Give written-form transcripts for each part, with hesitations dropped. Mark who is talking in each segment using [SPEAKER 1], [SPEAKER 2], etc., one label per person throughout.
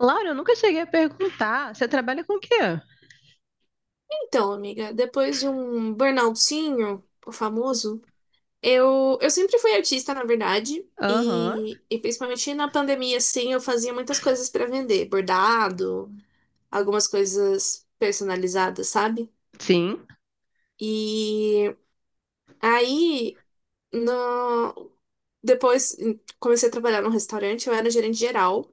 [SPEAKER 1] Laura, eu nunca cheguei a perguntar. Você trabalha com o quê?
[SPEAKER 2] Então, amiga, depois de um burnoutzinho, o famoso. Eu sempre fui artista, na verdade,
[SPEAKER 1] Aham,
[SPEAKER 2] e principalmente na pandemia, assim, eu fazia muitas coisas para vender, bordado, algumas coisas personalizadas, sabe?
[SPEAKER 1] sim.
[SPEAKER 2] E aí, no, depois comecei a trabalhar num restaurante, eu era gerente geral.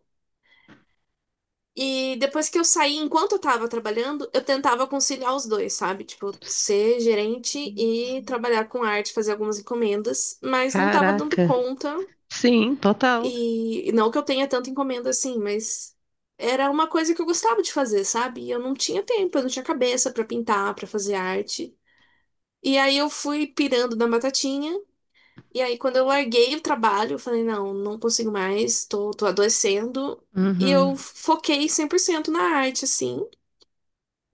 [SPEAKER 2] E depois que eu saí, enquanto eu tava trabalhando, eu tentava conciliar os dois, sabe? Tipo, ser gerente e trabalhar com arte, fazer algumas encomendas, mas não tava dando
[SPEAKER 1] Caraca.
[SPEAKER 2] conta.
[SPEAKER 1] Sim, total.
[SPEAKER 2] E não que eu tenha tanta encomenda assim, mas era uma coisa que eu gostava de fazer, sabe? E eu não tinha tempo, eu não tinha cabeça pra pintar, pra fazer arte. E aí eu fui pirando na batatinha. E aí, quando eu larguei o trabalho, eu falei, não, não consigo mais, tô adoecendo. E eu
[SPEAKER 1] Uhum.
[SPEAKER 2] foquei 100% na arte, assim.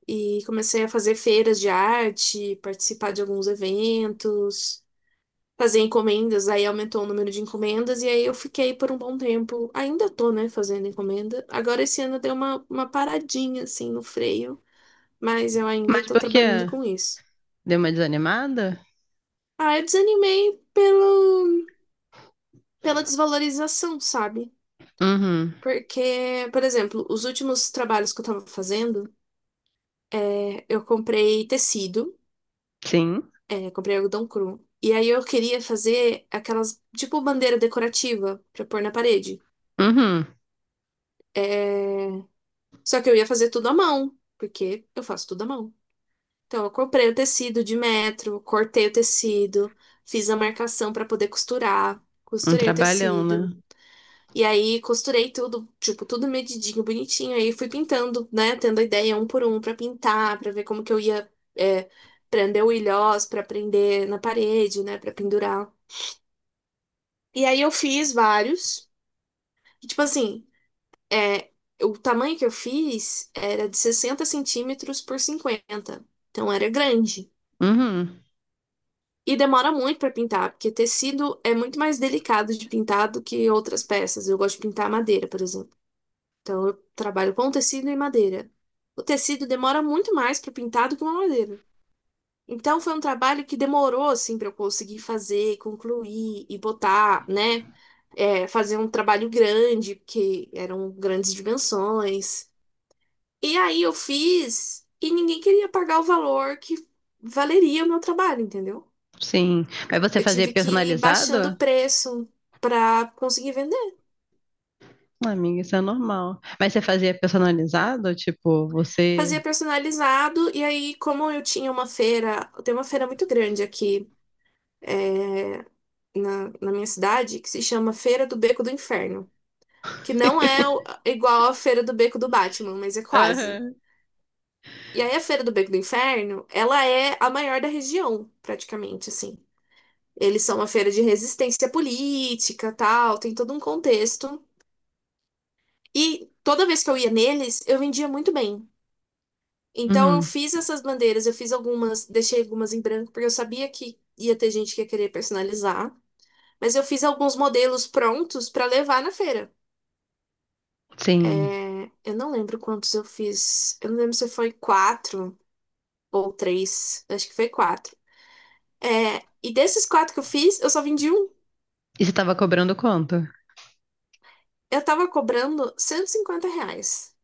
[SPEAKER 2] E comecei a fazer feiras de arte, participar de alguns eventos, fazer encomendas, aí aumentou o número de encomendas, e aí eu fiquei por um bom tempo. Ainda tô, né, fazendo encomenda. Agora esse ano deu uma paradinha, assim, no freio, mas eu ainda
[SPEAKER 1] Mas
[SPEAKER 2] tô
[SPEAKER 1] por
[SPEAKER 2] trabalhando
[SPEAKER 1] quê?
[SPEAKER 2] com isso.
[SPEAKER 1] Deu uma desanimada?
[SPEAKER 2] Ah, eu desanimei pelo, pela desvalorização, sabe?
[SPEAKER 1] Uhum.
[SPEAKER 2] Porque, por exemplo, os últimos trabalhos que eu tava fazendo, eu comprei tecido.
[SPEAKER 1] Sim.
[SPEAKER 2] Comprei algodão cru. E aí eu queria fazer aquelas, tipo, bandeira decorativa pra pôr na parede.
[SPEAKER 1] Uhum.
[SPEAKER 2] É, Só que eu ia fazer tudo à mão, porque eu faço tudo à mão. Então eu comprei o tecido de metro, cortei o tecido, fiz a marcação pra poder costurar,
[SPEAKER 1] Um
[SPEAKER 2] costurei o
[SPEAKER 1] trabalhão, né?
[SPEAKER 2] tecido. E aí costurei tudo, tipo, tudo medidinho, bonitinho. Aí fui pintando, né, tendo a ideia um por um pra pintar, pra ver como que eu ia, é, prender o ilhós, pra prender na parede, né, pra pendurar. E aí eu fiz vários. E, tipo assim, é, o tamanho que eu fiz era de 60 centímetros por 50. Então era grande.
[SPEAKER 1] Uhum.
[SPEAKER 2] E demora muito para pintar, porque tecido é muito mais delicado de pintar do que outras peças. Eu gosto de pintar madeira, por exemplo. Então eu trabalho com tecido e madeira. O tecido demora muito mais para pintar do que uma madeira. Então foi um trabalho que demorou assim para eu conseguir fazer, concluir e botar, né? Fazer um trabalho grande, porque eram grandes dimensões. E aí eu fiz e ninguém queria pagar o valor que valeria o meu trabalho, entendeu?
[SPEAKER 1] Sim. Mas você
[SPEAKER 2] Eu
[SPEAKER 1] fazia
[SPEAKER 2] tive que ir baixando o
[SPEAKER 1] personalizado?
[SPEAKER 2] preço para conseguir vender.
[SPEAKER 1] Amiga, isso é normal. Mas você fazia personalizado? Tipo, você.
[SPEAKER 2] Fazia personalizado e aí, como eu tinha uma feira, tem uma feira muito grande aqui, é, na minha cidade que se chama Feira do Beco do Inferno. Que não é igual à Feira do Beco do Batman, mas é quase.
[SPEAKER 1] Aham.
[SPEAKER 2] E aí a Feira do Beco do Inferno, ela é a maior da região, praticamente, assim. Eles são uma feira de resistência política, tal, tem todo um contexto. E toda vez que eu ia neles, eu vendia muito bem. Então eu
[SPEAKER 1] Uhum.
[SPEAKER 2] fiz essas bandeiras, eu fiz algumas, deixei algumas em branco, porque eu sabia que ia ter gente que ia querer personalizar. Mas eu fiz alguns modelos prontos para levar na feira.
[SPEAKER 1] Sim.
[SPEAKER 2] Eu não lembro quantos eu fiz. Eu não lembro se foi quatro ou três. Acho que foi quatro. É, e desses quatro que eu fiz, eu só vendi um.
[SPEAKER 1] E você tava cobrando quanto?
[SPEAKER 2] Eu tava cobrando R$ 150.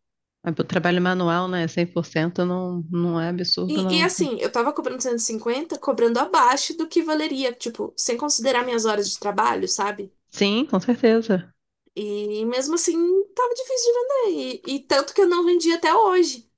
[SPEAKER 1] Mas pro trabalho manual, né? 100% não é absurdo,
[SPEAKER 2] E
[SPEAKER 1] não. Cara.
[SPEAKER 2] assim, eu tava cobrando cento e cinquenta, cobrando abaixo do que valeria, tipo, sem considerar minhas horas de trabalho, sabe?
[SPEAKER 1] Sim, com certeza.
[SPEAKER 2] E mesmo assim, tava difícil de vender. E tanto que eu não vendi até hoje.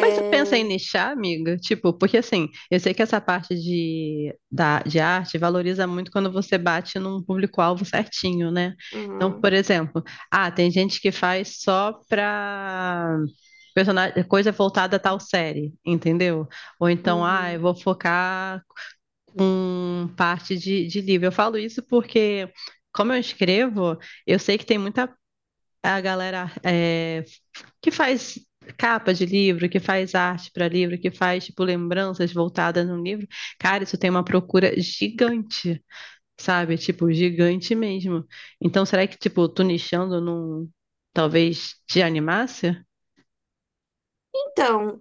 [SPEAKER 1] Mas você pensa em nichar, amiga? Tipo, porque assim, eu sei que essa parte de arte valoriza muito quando você bate num público-alvo certinho, né? Então,
[SPEAKER 2] Uhum,
[SPEAKER 1] por exemplo, ah, tem gente que faz só pra personagem, coisa voltada a tal série, entendeu? Ou então, ah, eu
[SPEAKER 2] uhum.
[SPEAKER 1] vou focar com parte de livro. Eu falo isso porque, como eu escrevo, eu sei que tem muita. É a galera que faz capa de livro, que faz arte para livro, que faz tipo lembranças voltadas no livro, cara, isso tem uma procura gigante, sabe? Tipo, gigante mesmo. Então, será que tipo tu nichando não talvez te animasse?
[SPEAKER 2] Então,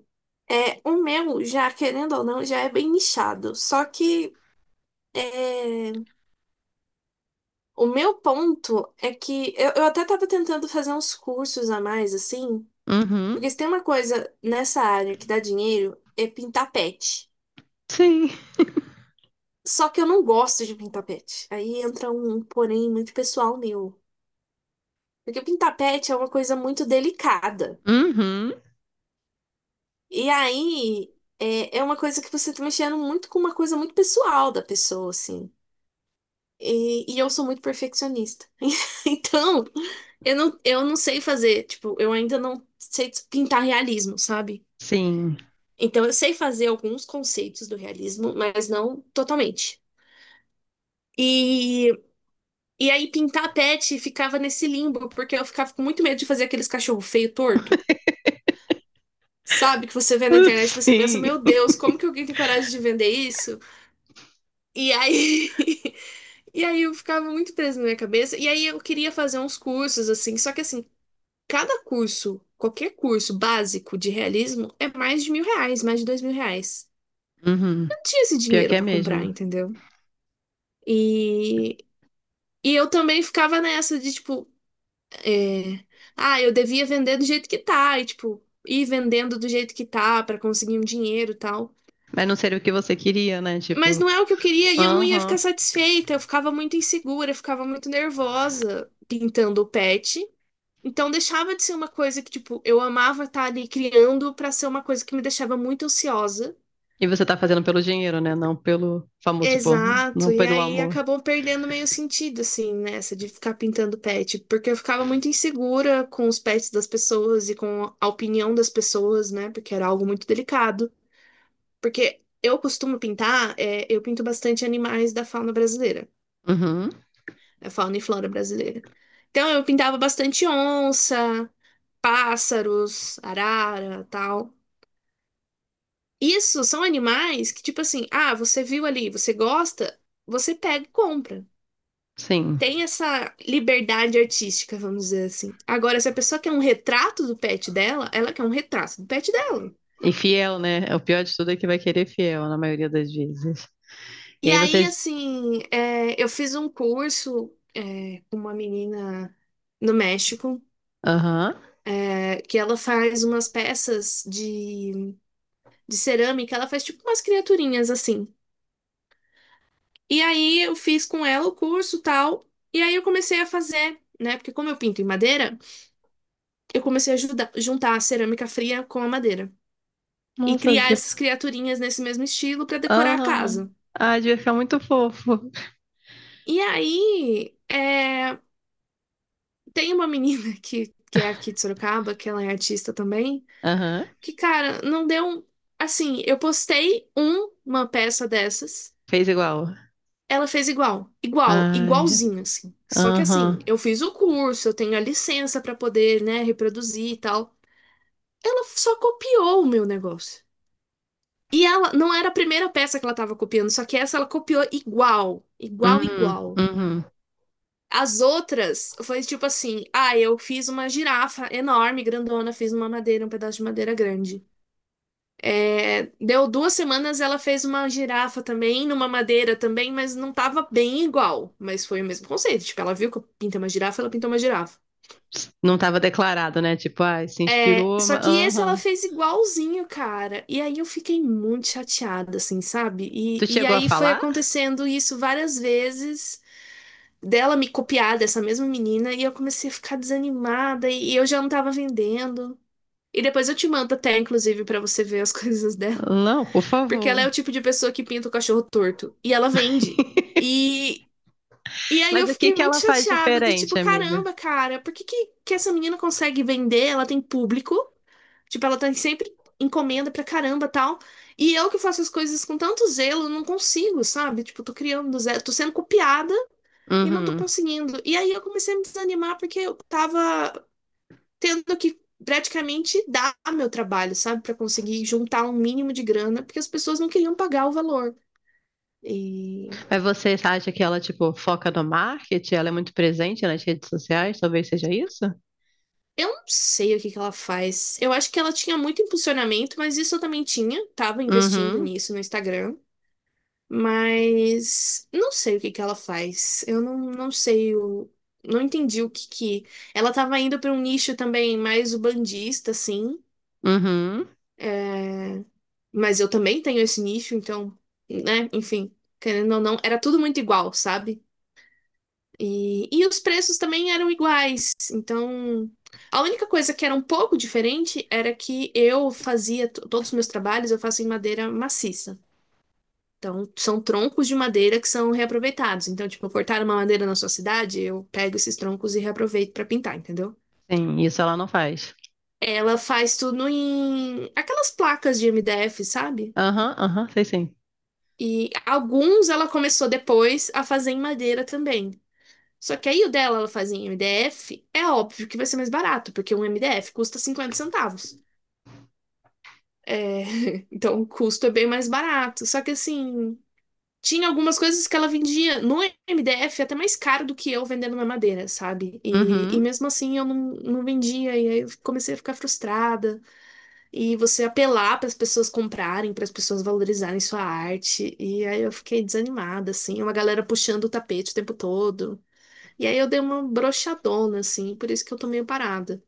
[SPEAKER 2] o meu, já querendo ou não, já é bem nichado. Só que. é, O meu ponto é que eu até tava tentando fazer uns cursos a mais, assim,
[SPEAKER 1] Uhum.
[SPEAKER 2] porque se tem uma coisa nessa área que dá dinheiro, é pintar pet.
[SPEAKER 1] Sim.
[SPEAKER 2] Só que eu não gosto de pintar pet. Aí entra um porém muito pessoal meu. Porque pintar pet é uma coisa muito delicada.
[SPEAKER 1] Uhum.
[SPEAKER 2] E aí é uma coisa que você tá mexendo muito com uma coisa muito pessoal da pessoa, assim. E eu sou muito perfeccionista. Então, eu não sei fazer, tipo, eu ainda não sei pintar realismo, sabe?
[SPEAKER 1] Sim.
[SPEAKER 2] Então, eu sei fazer alguns conceitos do realismo, mas não totalmente. E, e aí, pintar pet ficava nesse limbo, porque eu ficava com muito medo de fazer aqueles cachorro feio, torto. Sabe, que você vê na internet, e você pensa,
[SPEAKER 1] Sim.
[SPEAKER 2] meu Deus, como que alguém tem coragem de vender isso? E aí, e aí eu ficava muito preso na minha cabeça. E aí eu queria fazer uns cursos, assim, só que assim, cada curso, qualquer curso básico de realismo é mais de R$ 1.000, mais de R$ 2.000.
[SPEAKER 1] Uhum.
[SPEAKER 2] Eu não tinha esse
[SPEAKER 1] Pior
[SPEAKER 2] dinheiro
[SPEAKER 1] que é
[SPEAKER 2] pra comprar,
[SPEAKER 1] mesmo.
[SPEAKER 2] entendeu? E, e eu também ficava nessa de tipo, é, ah, eu devia vender do jeito que tá, e tipo, ir vendendo do jeito que tá pra conseguir um dinheiro e tal.
[SPEAKER 1] Mas não seria o que você queria, né?
[SPEAKER 2] Mas
[SPEAKER 1] Tipo,
[SPEAKER 2] não é o que eu queria e eu não ia ficar
[SPEAKER 1] aham.
[SPEAKER 2] satisfeita, eu ficava muito insegura, eu ficava muito nervosa pintando o pet. Então deixava de ser uma coisa que, tipo, eu amava estar ali criando pra ser uma coisa que me deixava muito ansiosa.
[SPEAKER 1] E você tá fazendo pelo dinheiro, né? Não pelo famoso, tipo, não
[SPEAKER 2] Exato, e
[SPEAKER 1] pelo
[SPEAKER 2] aí
[SPEAKER 1] amor.
[SPEAKER 2] acabou perdendo meio sentido, assim, nessa de ficar pintando pet, porque eu ficava muito insegura com os pets das pessoas e com a opinião das pessoas, né? Porque era algo muito delicado. Porque eu costumo pintar, eu pinto bastante animais da fauna brasileira,
[SPEAKER 1] Uhum,
[SPEAKER 2] da fauna e flora brasileira. Então eu pintava bastante onça, pássaros, arara, tal. Isso são animais que, tipo assim, ah, você viu ali, você gosta, você pega e compra.
[SPEAKER 1] sim.
[SPEAKER 2] Tem essa liberdade artística, vamos dizer assim. Agora, se a pessoa quer um retrato do pet dela, ela quer um retrato do pet dela.
[SPEAKER 1] E fiel, né? É, o pior de tudo é que vai querer fiel na maioria das vezes. E
[SPEAKER 2] E
[SPEAKER 1] aí
[SPEAKER 2] aí,
[SPEAKER 1] vocês.
[SPEAKER 2] assim, eu fiz um curso, com uma menina no México,
[SPEAKER 1] Aham.
[SPEAKER 2] que ela faz umas peças de cerâmica, ela faz tipo umas criaturinhas assim. E aí eu fiz com ela o curso tal, e aí eu comecei a fazer, né? Porque como eu pinto em madeira, eu comecei a juntar a cerâmica fria com a madeira e
[SPEAKER 1] Nossa,
[SPEAKER 2] criar
[SPEAKER 1] devia.
[SPEAKER 2] essas criaturinhas nesse mesmo estilo para decorar a
[SPEAKER 1] Aham.
[SPEAKER 2] casa.
[SPEAKER 1] Ah, devia ficar muito fofo.
[SPEAKER 2] E aí tem uma menina que é aqui de Sorocaba, que ela é artista também,
[SPEAKER 1] Aham.
[SPEAKER 2] que, cara, não deu. Assim, eu postei uma peça dessas.
[SPEAKER 1] Fez igual.
[SPEAKER 2] Ela fez igual, igual,
[SPEAKER 1] Ai.
[SPEAKER 2] igualzinho, assim. Só que assim,
[SPEAKER 1] Aham.
[SPEAKER 2] eu fiz o curso, eu tenho a licença pra poder, né, reproduzir e tal. Ela só copiou o meu negócio. E ela não era a primeira peça que ela tava copiando, só que essa ela copiou igual, igual,
[SPEAKER 1] Uhum.
[SPEAKER 2] igual.
[SPEAKER 1] Uhum.
[SPEAKER 2] As outras foi tipo assim: ah, eu fiz uma girafa enorme, grandona, fiz uma madeira, um pedaço de madeira grande. Deu 2 semanas, ela fez uma girafa também, numa madeira também, mas não tava bem igual. Mas foi o mesmo conceito. Tipo, ela viu que eu pintei uma girafa, ela pintou uma girafa.
[SPEAKER 1] Não tava declarado, né? Tipo, ai, se inspirou,
[SPEAKER 2] Só
[SPEAKER 1] mas.
[SPEAKER 2] que esse ela
[SPEAKER 1] Aham.
[SPEAKER 2] fez igualzinho, cara. E aí eu fiquei muito chateada, assim, sabe? E,
[SPEAKER 1] Tu
[SPEAKER 2] e
[SPEAKER 1] chegou a
[SPEAKER 2] aí foi
[SPEAKER 1] falar?
[SPEAKER 2] acontecendo isso várias vezes, dela me copiar dessa mesma menina, e eu comecei a ficar desanimada, e eu já não tava vendendo. E depois eu te mando até, inclusive, pra você ver as coisas dela.
[SPEAKER 1] Não, por
[SPEAKER 2] Porque ela
[SPEAKER 1] favor.
[SPEAKER 2] é o tipo de pessoa que pinta o cachorro torto. E ela vende. E, e aí eu
[SPEAKER 1] Mas o que
[SPEAKER 2] fiquei
[SPEAKER 1] que
[SPEAKER 2] muito
[SPEAKER 1] ela faz
[SPEAKER 2] chateada, do
[SPEAKER 1] diferente,
[SPEAKER 2] tipo,
[SPEAKER 1] amiga?
[SPEAKER 2] caramba, cara, por que, essa menina consegue vender? Ela tem público. Tipo, ela tem sempre encomenda pra caramba tal. E eu que faço as coisas com tanto zelo, não consigo, sabe? Tipo, tô criando do zero, tô sendo copiada e não tô
[SPEAKER 1] Uhum.
[SPEAKER 2] conseguindo. E aí eu comecei a me desanimar porque eu tava tendo que praticamente dar meu trabalho, sabe? Pra conseguir juntar um mínimo de grana, porque as pessoas não queriam pagar o valor. E
[SPEAKER 1] Mas você acha que ela, tipo, foca no marketing? Ela é muito presente nas redes sociais? Talvez seja isso?
[SPEAKER 2] eu não sei o que que ela faz. Eu acho que ela tinha muito impulsionamento, mas isso eu também tinha. Tava investindo
[SPEAKER 1] Uhum,
[SPEAKER 2] nisso no Instagram. Mas não sei o que que ela faz. Eu não sei o. Não entendi o que que. Ela tava indo para um nicho também mais bandista assim.
[SPEAKER 1] uhum.
[SPEAKER 2] É, Mas eu também tenho esse nicho, então, né? Enfim, querendo ou não, era tudo muito igual, sabe? E os preços também eram iguais. Então, a única coisa que era um pouco diferente era que eu fazia todos os meus trabalhos, eu faço em madeira maciça. Então, são troncos de madeira que são reaproveitados. Então, tipo, cortaram uma madeira na sua cidade, eu pego esses troncos e reaproveito pra pintar, entendeu?
[SPEAKER 1] Sim, isso ela não faz.
[SPEAKER 2] Ela faz tudo em aquelas placas de MDF, sabe?
[SPEAKER 1] Aham, aham, sei sim.
[SPEAKER 2] E alguns ela começou depois a fazer em madeira também. Só que aí o dela ela faz em MDF, é óbvio que vai ser mais barato, porque um MDF custa 50 centavos. É, então o custo é bem mais barato. Só que assim, tinha algumas coisas que ela vendia no MDF até mais caro do que eu vendendo na madeira, sabe? E
[SPEAKER 1] Uhum.
[SPEAKER 2] mesmo assim eu não vendia, e aí eu comecei a ficar frustrada. E você apelar para as pessoas comprarem, para as pessoas valorizarem sua arte. E aí eu fiquei desanimada, assim, é uma galera puxando o tapete o tempo todo. E aí eu dei uma broxadona, assim, por isso que eu tô meio parada.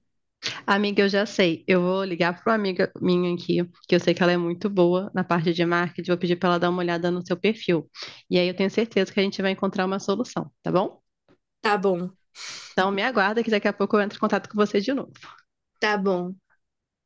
[SPEAKER 1] Amiga, eu já sei. Eu vou ligar para uma amiga minha aqui, que eu sei que ela é muito boa na parte de marketing. Vou pedir para ela dar uma olhada no seu perfil. E aí eu tenho certeza que a gente vai encontrar uma solução, tá bom?
[SPEAKER 2] Tá bom,
[SPEAKER 1] Então me aguarda que daqui a pouco eu entro em contato com você de novo.
[SPEAKER 2] tá bom.